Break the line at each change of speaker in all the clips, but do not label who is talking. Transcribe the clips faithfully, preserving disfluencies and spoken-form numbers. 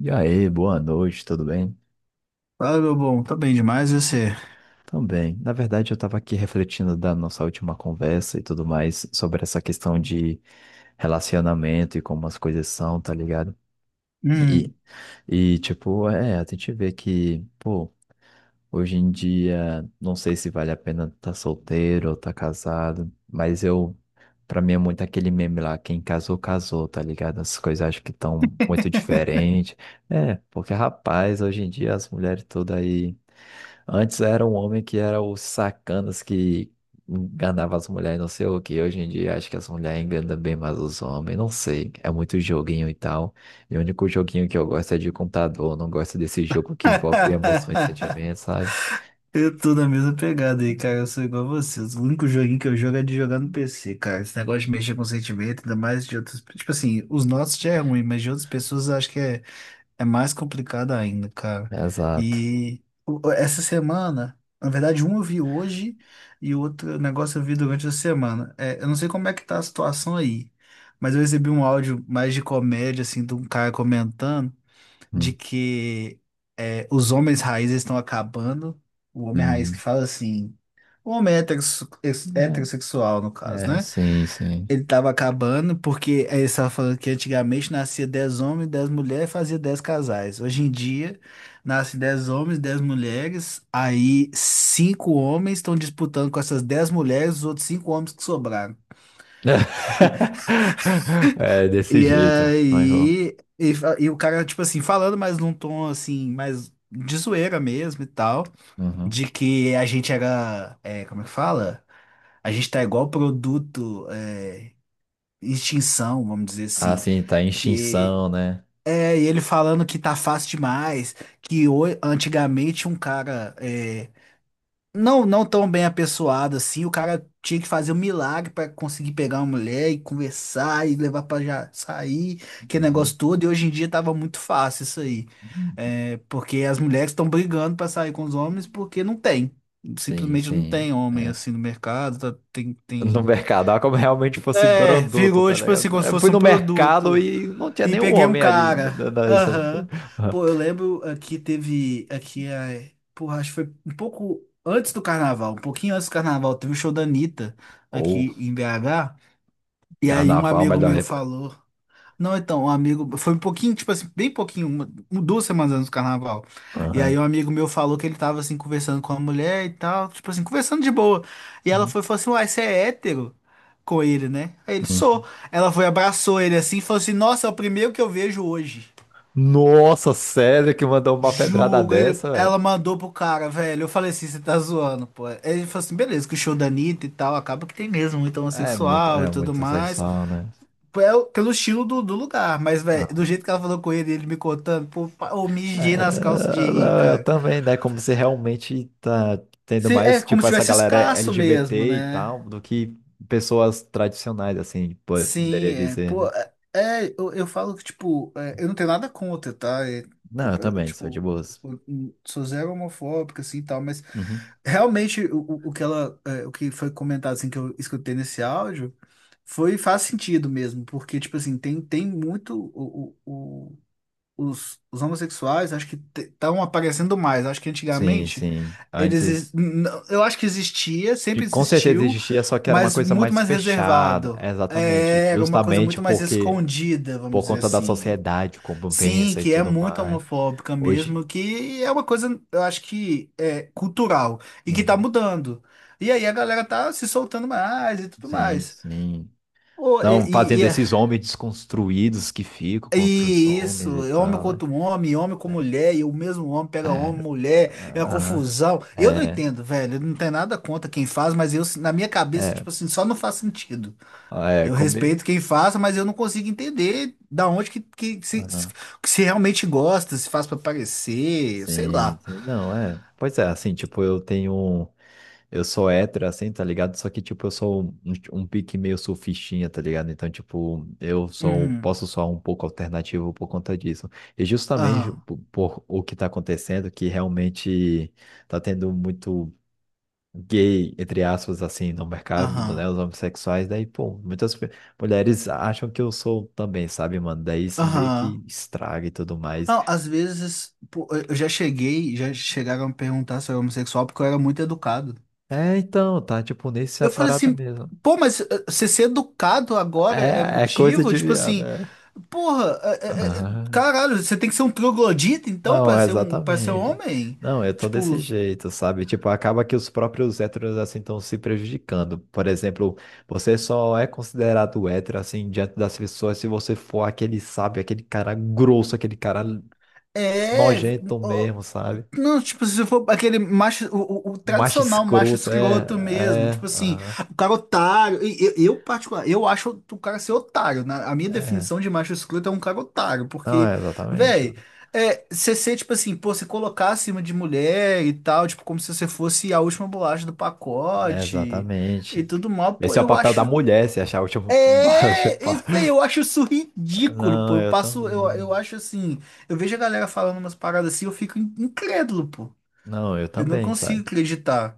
E aí, boa noite, tudo bem?
Fala, meu bom, tá bem demais e você?
Também. Na verdade, eu estava aqui refletindo da nossa última conversa e tudo mais sobre essa questão de relacionamento e como as coisas são, tá ligado?
Hum.
E, e tipo, é, a gente vê que, pô, hoje em dia, não sei se vale a pena estar solteiro ou tá casado, mas eu, pra mim é muito aquele meme lá, quem casou, casou, tá ligado? As coisas acho que estão muito diferentes. É, porque rapaz, hoje em dia as mulheres todas aí. Antes era um homem que era o sacanas que enganava as mulheres, não sei o que. Hoje em dia acho que as mulheres enganam bem mais os homens, não sei. É muito joguinho e tal. E o único joguinho que eu gosto é de computador, não gosto desse jogo que envolve emoções e sentimentos, sabe?
Eu tô na mesma pegada aí, cara. Eu sou igual a você. O único joguinho que eu jogo é de jogar no P C, cara. Esse negócio de mexer com sentimento, ainda mais de outras. Tipo assim, os nossos já é ruim, mas de outras pessoas eu acho que é, é mais complicado ainda, cara.
Exato.
E o- essa semana, na verdade, um eu vi hoje e o outro negócio eu vi durante a semana. É, eu não sei como é que tá a situação aí, mas eu recebi um áudio mais de comédia, assim, de um cara comentando, de
Hum,
que é, os homens raízes estão acabando. O homem raiz que
hum.
fala assim, o homem heterosse- ex- heterossexual, no
É,
caso,
é,
né?
sim, sim.
Ele estava acabando porque ele estava falando que antigamente nascia dez homens, dez mulheres, fazia dez casais. Hoje em dia, nasce dez homens, dez mulheres, aí cinco homens estão disputando com essas dez mulheres, os outros cinco homens que sobraram.
É desse
E
jeito, não errou.
aí, e, fa- e o cara, tipo assim, falando mais num tom assim, mais de zoeira mesmo e tal,
Uhum.
de que a gente era, é, como é que fala? A gente tá igual produto, é, em extinção, vamos dizer
Ah,
assim.
sim, tá em
Que
extinção, né?
é e ele falando que tá fácil demais, que ho- antigamente um cara é, não, não tão bem apessoado assim. O cara tinha que fazer um milagre pra conseguir pegar uma mulher e conversar e levar pra já sair, que
Uhum.
negócio todo. E hoje em dia tava muito fácil isso aí. É, porque as mulheres estão brigando pra sair com os homens porque não tem.
Sim,
Simplesmente não
sim.
tem homem
É.
assim no mercado. Tá- tem,
No
tem...
mercado, era como realmente fosse
É,
produto,
virou
tá
tipo assim,
ligado?
como se
Eu fui
fosse um
no mercado
produto.
e não tinha
E
nenhum
peguei um
homem ali na,
cara.
na, na estabelecimento.
Aham.
Aham.
Pô, eu lembro aqui teve. Aqui é. Porra, acho que foi um pouco antes do carnaval, um pouquinho antes do carnaval, teve o show da Anitta
Ou
aqui em B H. E aí um
carnaval,
amigo
melhor
meu
época.
falou. Não, então, um amigo. Foi um pouquinho, tipo assim, bem pouquinho, uma- um, duas semanas antes do carnaval. E aí,
Aham.
um amigo meu falou que ele tava, assim, conversando com a mulher e tal, tipo assim, conversando de boa. E ela
Uhum.
foi e falou assim: Uai, você é hétero? Com ele, né? Aí ele sou.
Uhum.
Ela foi, abraçou ele assim e falou assim: Nossa, é o primeiro que eu vejo hoje.
Nossa, sério que mandou uma pedrada
Juro. Ele-
dessa,
ela
velho?
mandou pro cara, velho. Eu falei assim: Você tá zoando, pô. Aí ele falou assim: Beleza, que o show da Anitta e tal, acaba que tem mesmo muito
É muito,
homossexual e
é
tudo
muito
mais.
sexual, né?
Pelo, pelo estilo do, do lugar, mas, velho, do
Ah.
jeito que ela falou com ele, ele me contando, pô, pa- eu mijei nas calças de
É,
rir,
não, eu
cara.
também, né? Como se realmente tá tendo
Se- é
mais,
como
tipo,
se
essa
tivesse
galera
escasso mesmo,
L G B T e
né?
tal, do que pessoas tradicionais, assim,
Sim,
poderia
é,
dizer,
pô,
né?
é, é, eu, eu falo que, tipo, é, eu não tenho nada contra, tá? É,
Não,
o-
eu
é,
também, sou de
tipo,
boas.
eu sou zero homofóbica, assim, e tal, mas
Uhum.
realmente o, o o que ela, é, o que foi comentado, assim, que eu escutei nesse áudio, foi, faz sentido mesmo, porque, tipo assim, tem, tem muito os, os homossexuais acho que estavam aparecendo mais. Acho que
Sim,
antigamente
sim.
eles
Antes,
ex- n- eu acho que existia,
de-
sempre
com certeza
existiu,
existia, só que era uma
mas
coisa
muito
mais
mais
fechada.
reservado.
Exatamente.
É, era uma coisa
Justamente
muito mais
porque,
escondida, vamos
por
dizer
conta da
assim.
sociedade, como
Sim,
pensa e
que é
tudo
muito
mais.
homofóbica
Hoje.
mesmo, que é uma coisa, eu acho que é cultural e que tá
Uhum.
mudando. E aí a galera tá se soltando mais e tudo
Sim,
mais.
sim.
Ô, e,
Estão
e- e
fazendo
é
esses homens desconstruídos que ficam contra os
E
homens
isso,
e
é homem
tal, né?
contra um homem, homem com
É.
mulher, e o mesmo homem pega homem,
É,
mulher, é uma
aham.
confusão. Eu não
É,
entendo, velho, eu não tenho nada contra quem faz, mas eu, na minha cabeça,
é,
tipo assim, só não faz sentido.
ah, é,
Eu
comigo.
respeito quem faz, mas eu não consigo entender da onde que, que se,
Aham.
se realmente gosta, se faz pra parecer, sei
Sim,
lá.
sim. Não, é. Pois é, assim, tipo, eu tenho um. Eu sou hétero, assim, tá ligado? Só que, tipo, eu sou um, um pique meio surfistinha, tá ligado? Então, tipo, eu sou,
Uhum.
posso soar um pouco alternativo por conta disso. E justamente
Aham,
por, por o que tá acontecendo, que realmente tá tendo muito gay, entre aspas, assim, no mercado,
aham,
né? Os homossexuais, daí, pô, muitas pe- mulheres acham que eu sou também, sabe, mano? Daí isso meio
aham.
que estraga e tudo mais.
Não, às vezes, pô, eu já cheguei, já chegaram a me perguntar se eu era homossexual porque eu era muito educado.
É, então, tá, tipo, nessa
Eu falei
parada
assim,
mesmo.
pô, mas eh, você ser educado agora é
É, é coisa
motivo?
de
Tipo
viado,
assim,
é.
porra, eh, eh, eh,
Aham.
caralho, você tem que ser um troglodita então
Não,
pra ser um para ser
exatamente.
homem?
Não, eu tô desse
Tipo,
jeito, sabe? Tipo, acaba que os próprios héteros assim estão se prejudicando. Por exemplo, você só é considerado hétero assim diante das pessoas se você for aquele, sabe, aquele cara grosso, aquele cara
é,
nojento mesmo, sabe?
Não, tipo, se for aquele macho, o, o- o
Macho
tradicional macho
escroto, é,
escroto mesmo,
é,
tipo assim,
aham,
o cara otário, e- eu, eu particular, eu acho o cara ser otário, né? A minha
é.
definição de macho escroto é um cara otário,
Não,
porque,
é exatamente,
velho, é, você ser, tipo assim, pô, você colocar acima de mulher e tal, tipo, como se você fosse a última bolacha do
é
pacote e
exatamente.
tudo mal, pô,
Esse é o
eu
papel da
acho,
mulher, se achar o último baixo,
é, e,
pá.
véi, eu acho isso ridículo,
Não,
pô, eu
eu
passo, eu,
também.
eu acho assim, eu vejo a galera falando umas paradas assim, eu fico in- incrédulo, pô.
Não, eu
Eu não
também, sabe?
consigo acreditar.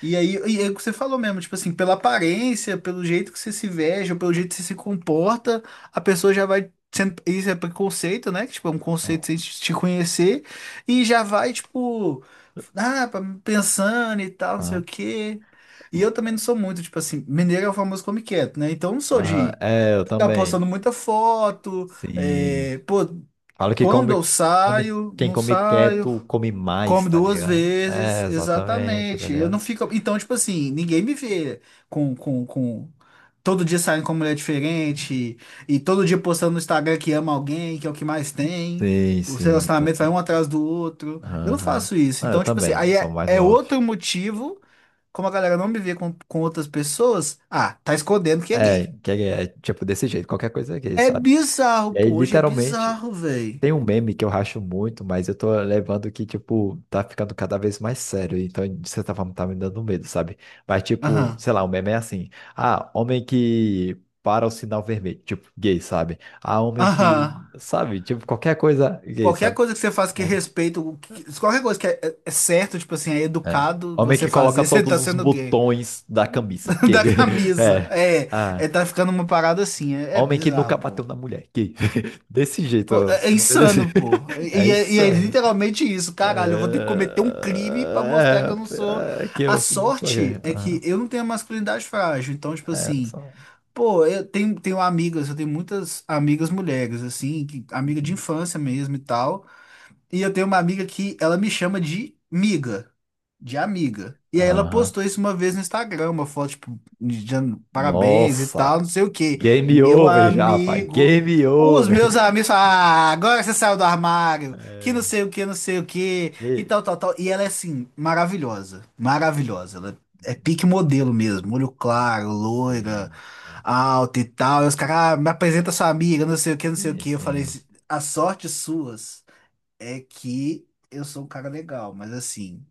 E aí, e é o que você falou mesmo, tipo assim, pela aparência, pelo jeito que você se veste, ou pelo jeito que você se comporta, a pessoa já vai sendo. Isso é preconceito, né? Que, tipo, é um
Ah,
conceito sem te te conhecer, e já vai, tipo, ah, pra- pensando e tal, não sei
ah.
o quê. E eu também não sou muito, tipo assim, mineiro é o famoso come quieto, né? Então eu não sou
Aham,
de
é, eu
ficar
também.
postando muita foto,
Sim.
é, pô,
Falo que
quando
come,
eu
come,
saio,
quem
não
come
saio.
quieto come mais,
Come
tá
duas
ligado?
vezes,
É, exatamente, tá
exatamente. Eu não
ligado?
fico. Então, tipo assim, ninguém me vê com, com, com... todo dia saindo com uma mulher diferente e todo dia postando no Instagram que ama alguém, que é o que mais tem.
Sim,
Os
sim.
relacionamentos vai um atrás do outro. Eu não
Aham.
faço isso.
Ah, eu
Então, tipo assim,
também,
aí
sou
é,
mais no
é
off.
outro motivo, como a galera não me vê com, com outras pessoas, ah, tá escondendo que é
É,
gay.
que é, é tipo desse jeito, qualquer coisa aqui,
É
sabe?
bizarro,
E aí,
pô, hoje é
literalmente,
bizarro, velho.
tem um meme que eu racho muito, mas eu tô levando que, tipo, tá ficando cada vez mais sério. Então, de certa forma, tá me dando medo, sabe? Mas, tipo,
Aham.
sei lá, o meme é assim. Ah, homem que para o sinal vermelho. Tipo, gay, sabe? Ah, homem que,
Aham.
sabe? Tipo, qualquer coisa gay,
Qualquer
sabe?
coisa que você faça que
É.
respeita, o que- qualquer coisa que é, é é certo, tipo assim, é
É.
educado
Homem
você
que coloca
fazer, você
todos
tá
os
sendo gay.
botões da camisa. Gay.
Da camisa.
É.
É,
Ah,
é, tá ficando uma parada assim. É, é
homem que nunca
bizarro, pô.
bateu na mulher. Gay. Desse jeito.
Pô, é,
Os
é
memes é desse...
insano, pô.
É
E é, e
isso.
é literalmente isso. Caralho, eu vou ter que cometer um crime pra mostrar que
É,
eu não sou.
é, é que
A
eu sou sou gay.
sorte é que
Aham.
eu não tenho a masculinidade frágil. Então, tipo
É,
assim.
só-
Pô, eu tenho, tenho amigas, eu tenho muitas amigas mulheres, assim, que-
um,
amiga de
uhum.
infância mesmo e tal. E eu tenho uma amiga que ela me chama de miga, de amiga. E aí ela
Aham.
postou isso uma vez no Instagram, uma foto, tipo, dizendo parabéns e
Nossa,
tal, não sei o quê.
game
Meu
over já, pai.
amigo.
Game
Os
over.
meus amigos falam, ah, agora você saiu do armário, que não
É,
sei o que, não sei o que, e
e-
tal, tal, tal. E ela é assim, maravilhosa, maravilhosa. Ela é pique modelo mesmo, olho claro, loira,
sim,
alta e tal. E os caras, ah, me apresenta sua amiga, não sei o que, não sei o
sim,
que. Eu falei,
sim.
assim, a sorte suas é que eu sou um cara legal, mas assim,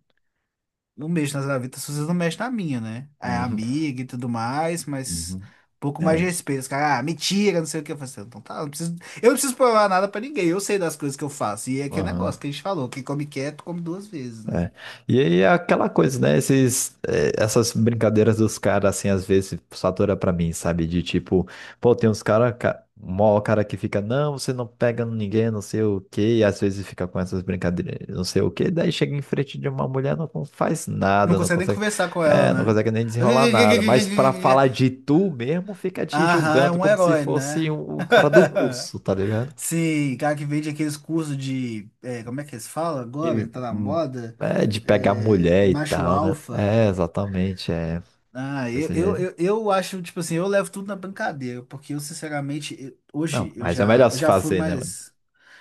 não mexo nas gavetas, vocês não mexem na minha, né? É
Uhum,
amiga e tudo mais, mas
uhum.
um pouco mais de
É,
respeito. Os caras, ah, mentira, não sei o que. Eu falei assim, "Ah, então tá, eu não preciso, eu não preciso provar nada pra ninguém, eu sei das coisas que eu faço. E é aquele
aham.
negócio que a gente falou, quem come quieto, come duas vezes, né?
É. E aí é aquela coisa, né? Esses, eh, essas brincadeiras dos caras, assim, às vezes satura pra mim, sabe? De tipo, pô, tem uns caras, ca... mó cara que fica, não, você não pega ninguém, não sei o quê, e às vezes fica com essas brincadeiras, não sei o quê, daí chega em frente de uma mulher, não con- faz
Não
nada, não
consegue nem
consegue,
conversar com ela,
é, não
né?
consegue nem desenrolar nada, mas pra falar de tu mesmo, fica te
Aham, é
julgando
um
como se
herói,
fosse
né?
um, um cara do curso, tá ligado?
Sim, cara que vende aqueles cursos de, é, como é que eles falam agora?
de,
Tá na
hum,
moda?
é, de pegar
É,
mulher e
macho
tal, né?
alfa.
É, exatamente, é
Ah, eu,
desse
eu,
jeito.
eu, eu acho, tipo assim, eu levo tudo na brincadeira, porque eu, sinceramente, eu-
Não,
hoje eu
mas é o
já,
melhor
eu
se
já fui
fazer, né, mano?
mais.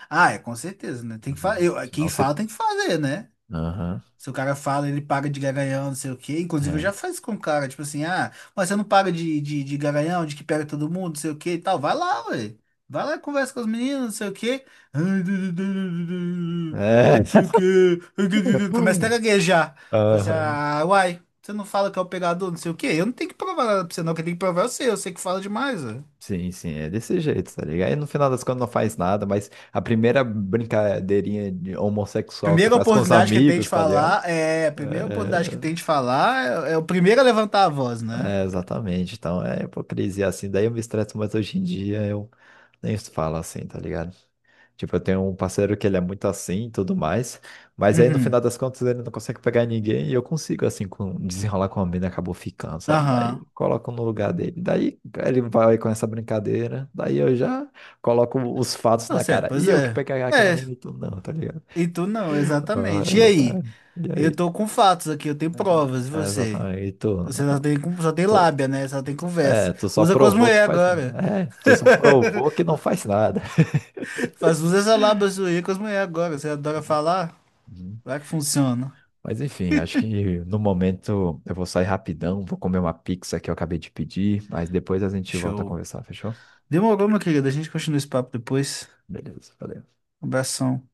Ah, é, com certeza, né? Tem que
Uhum.
fazer. Quem
Senão você.
fala tem que fazer, né?
Aham,
Se o cara fala, ele paga de garanhão, não sei o quê. Inclusive, eu
é.
já faço com o cara, tipo assim, ah, mas você não paga de, de, de garanhão, de que pega todo mundo, não sei o quê e tal. Vai lá, ué. Vai lá, e conversa com os meninos, não sei o quê. Não
É.
sei o quê. Começa até a gaguejar. Fala assim,
Aham.
ah, uai, você não fala que é o pegador, não sei o quê. Eu não tenho que provar nada pra você, não. Quem tem que provar é você. Eu sei que fala demais, ué.
Sim, sim, é desse jeito, tá ligado? Aí no final das contas não faz nada, mas a primeira brincadeirinha de homossexual que
Primeira
faz com os
oportunidade que tem de
amigos, tá ligado?
falar é. Primeira oportunidade que tem
É,
de falar é, é o primeiro a levantar a voz, né?
é, exatamente, então é hipocrisia assim. Daí eu me estresso, mas hoje em dia eu nem falo assim, tá ligado? Tipo, eu tenho um parceiro que ele é muito assim e tudo mais, mas aí no final
Uhum.
das contas ele não consegue pegar ninguém e eu consigo, assim, com, desenrolar com a mina, acabou ficando, sabe? Daí
Aham.
coloco no lugar dele. Daí ele vai com essa brincadeira, daí eu já coloco os fatos na
Você,
cara. E
pois
eu que
é.
peguei aquela
É,
mina e tu não, tá ligado?
e tu não,
Ah,
exatamente. E aí?
exatamente. E
Eu
aí?
tô com fatos aqui, eu tenho provas, e
É,
você?
exatamente. E tu,
Você só
ah,
tem, com- só tem
tu,
lábia, né? Só tem conversa.
é, tu só
Usa com as
provou que
mulheres
faz.
agora.
Né? É, tu só provou que não faz nada.
Faz, usa essa lábia sua aí com as mulheres agora. Você adora falar? Vai que funciona.
Mas enfim, acho que no momento eu vou sair rapidão, vou comer uma pizza que eu acabei de pedir, mas depois a gente volta a
Show.
conversar, fechou?
Demorou, meu querido. A gente continua esse papo depois.
Beleza, valeu.
Abração.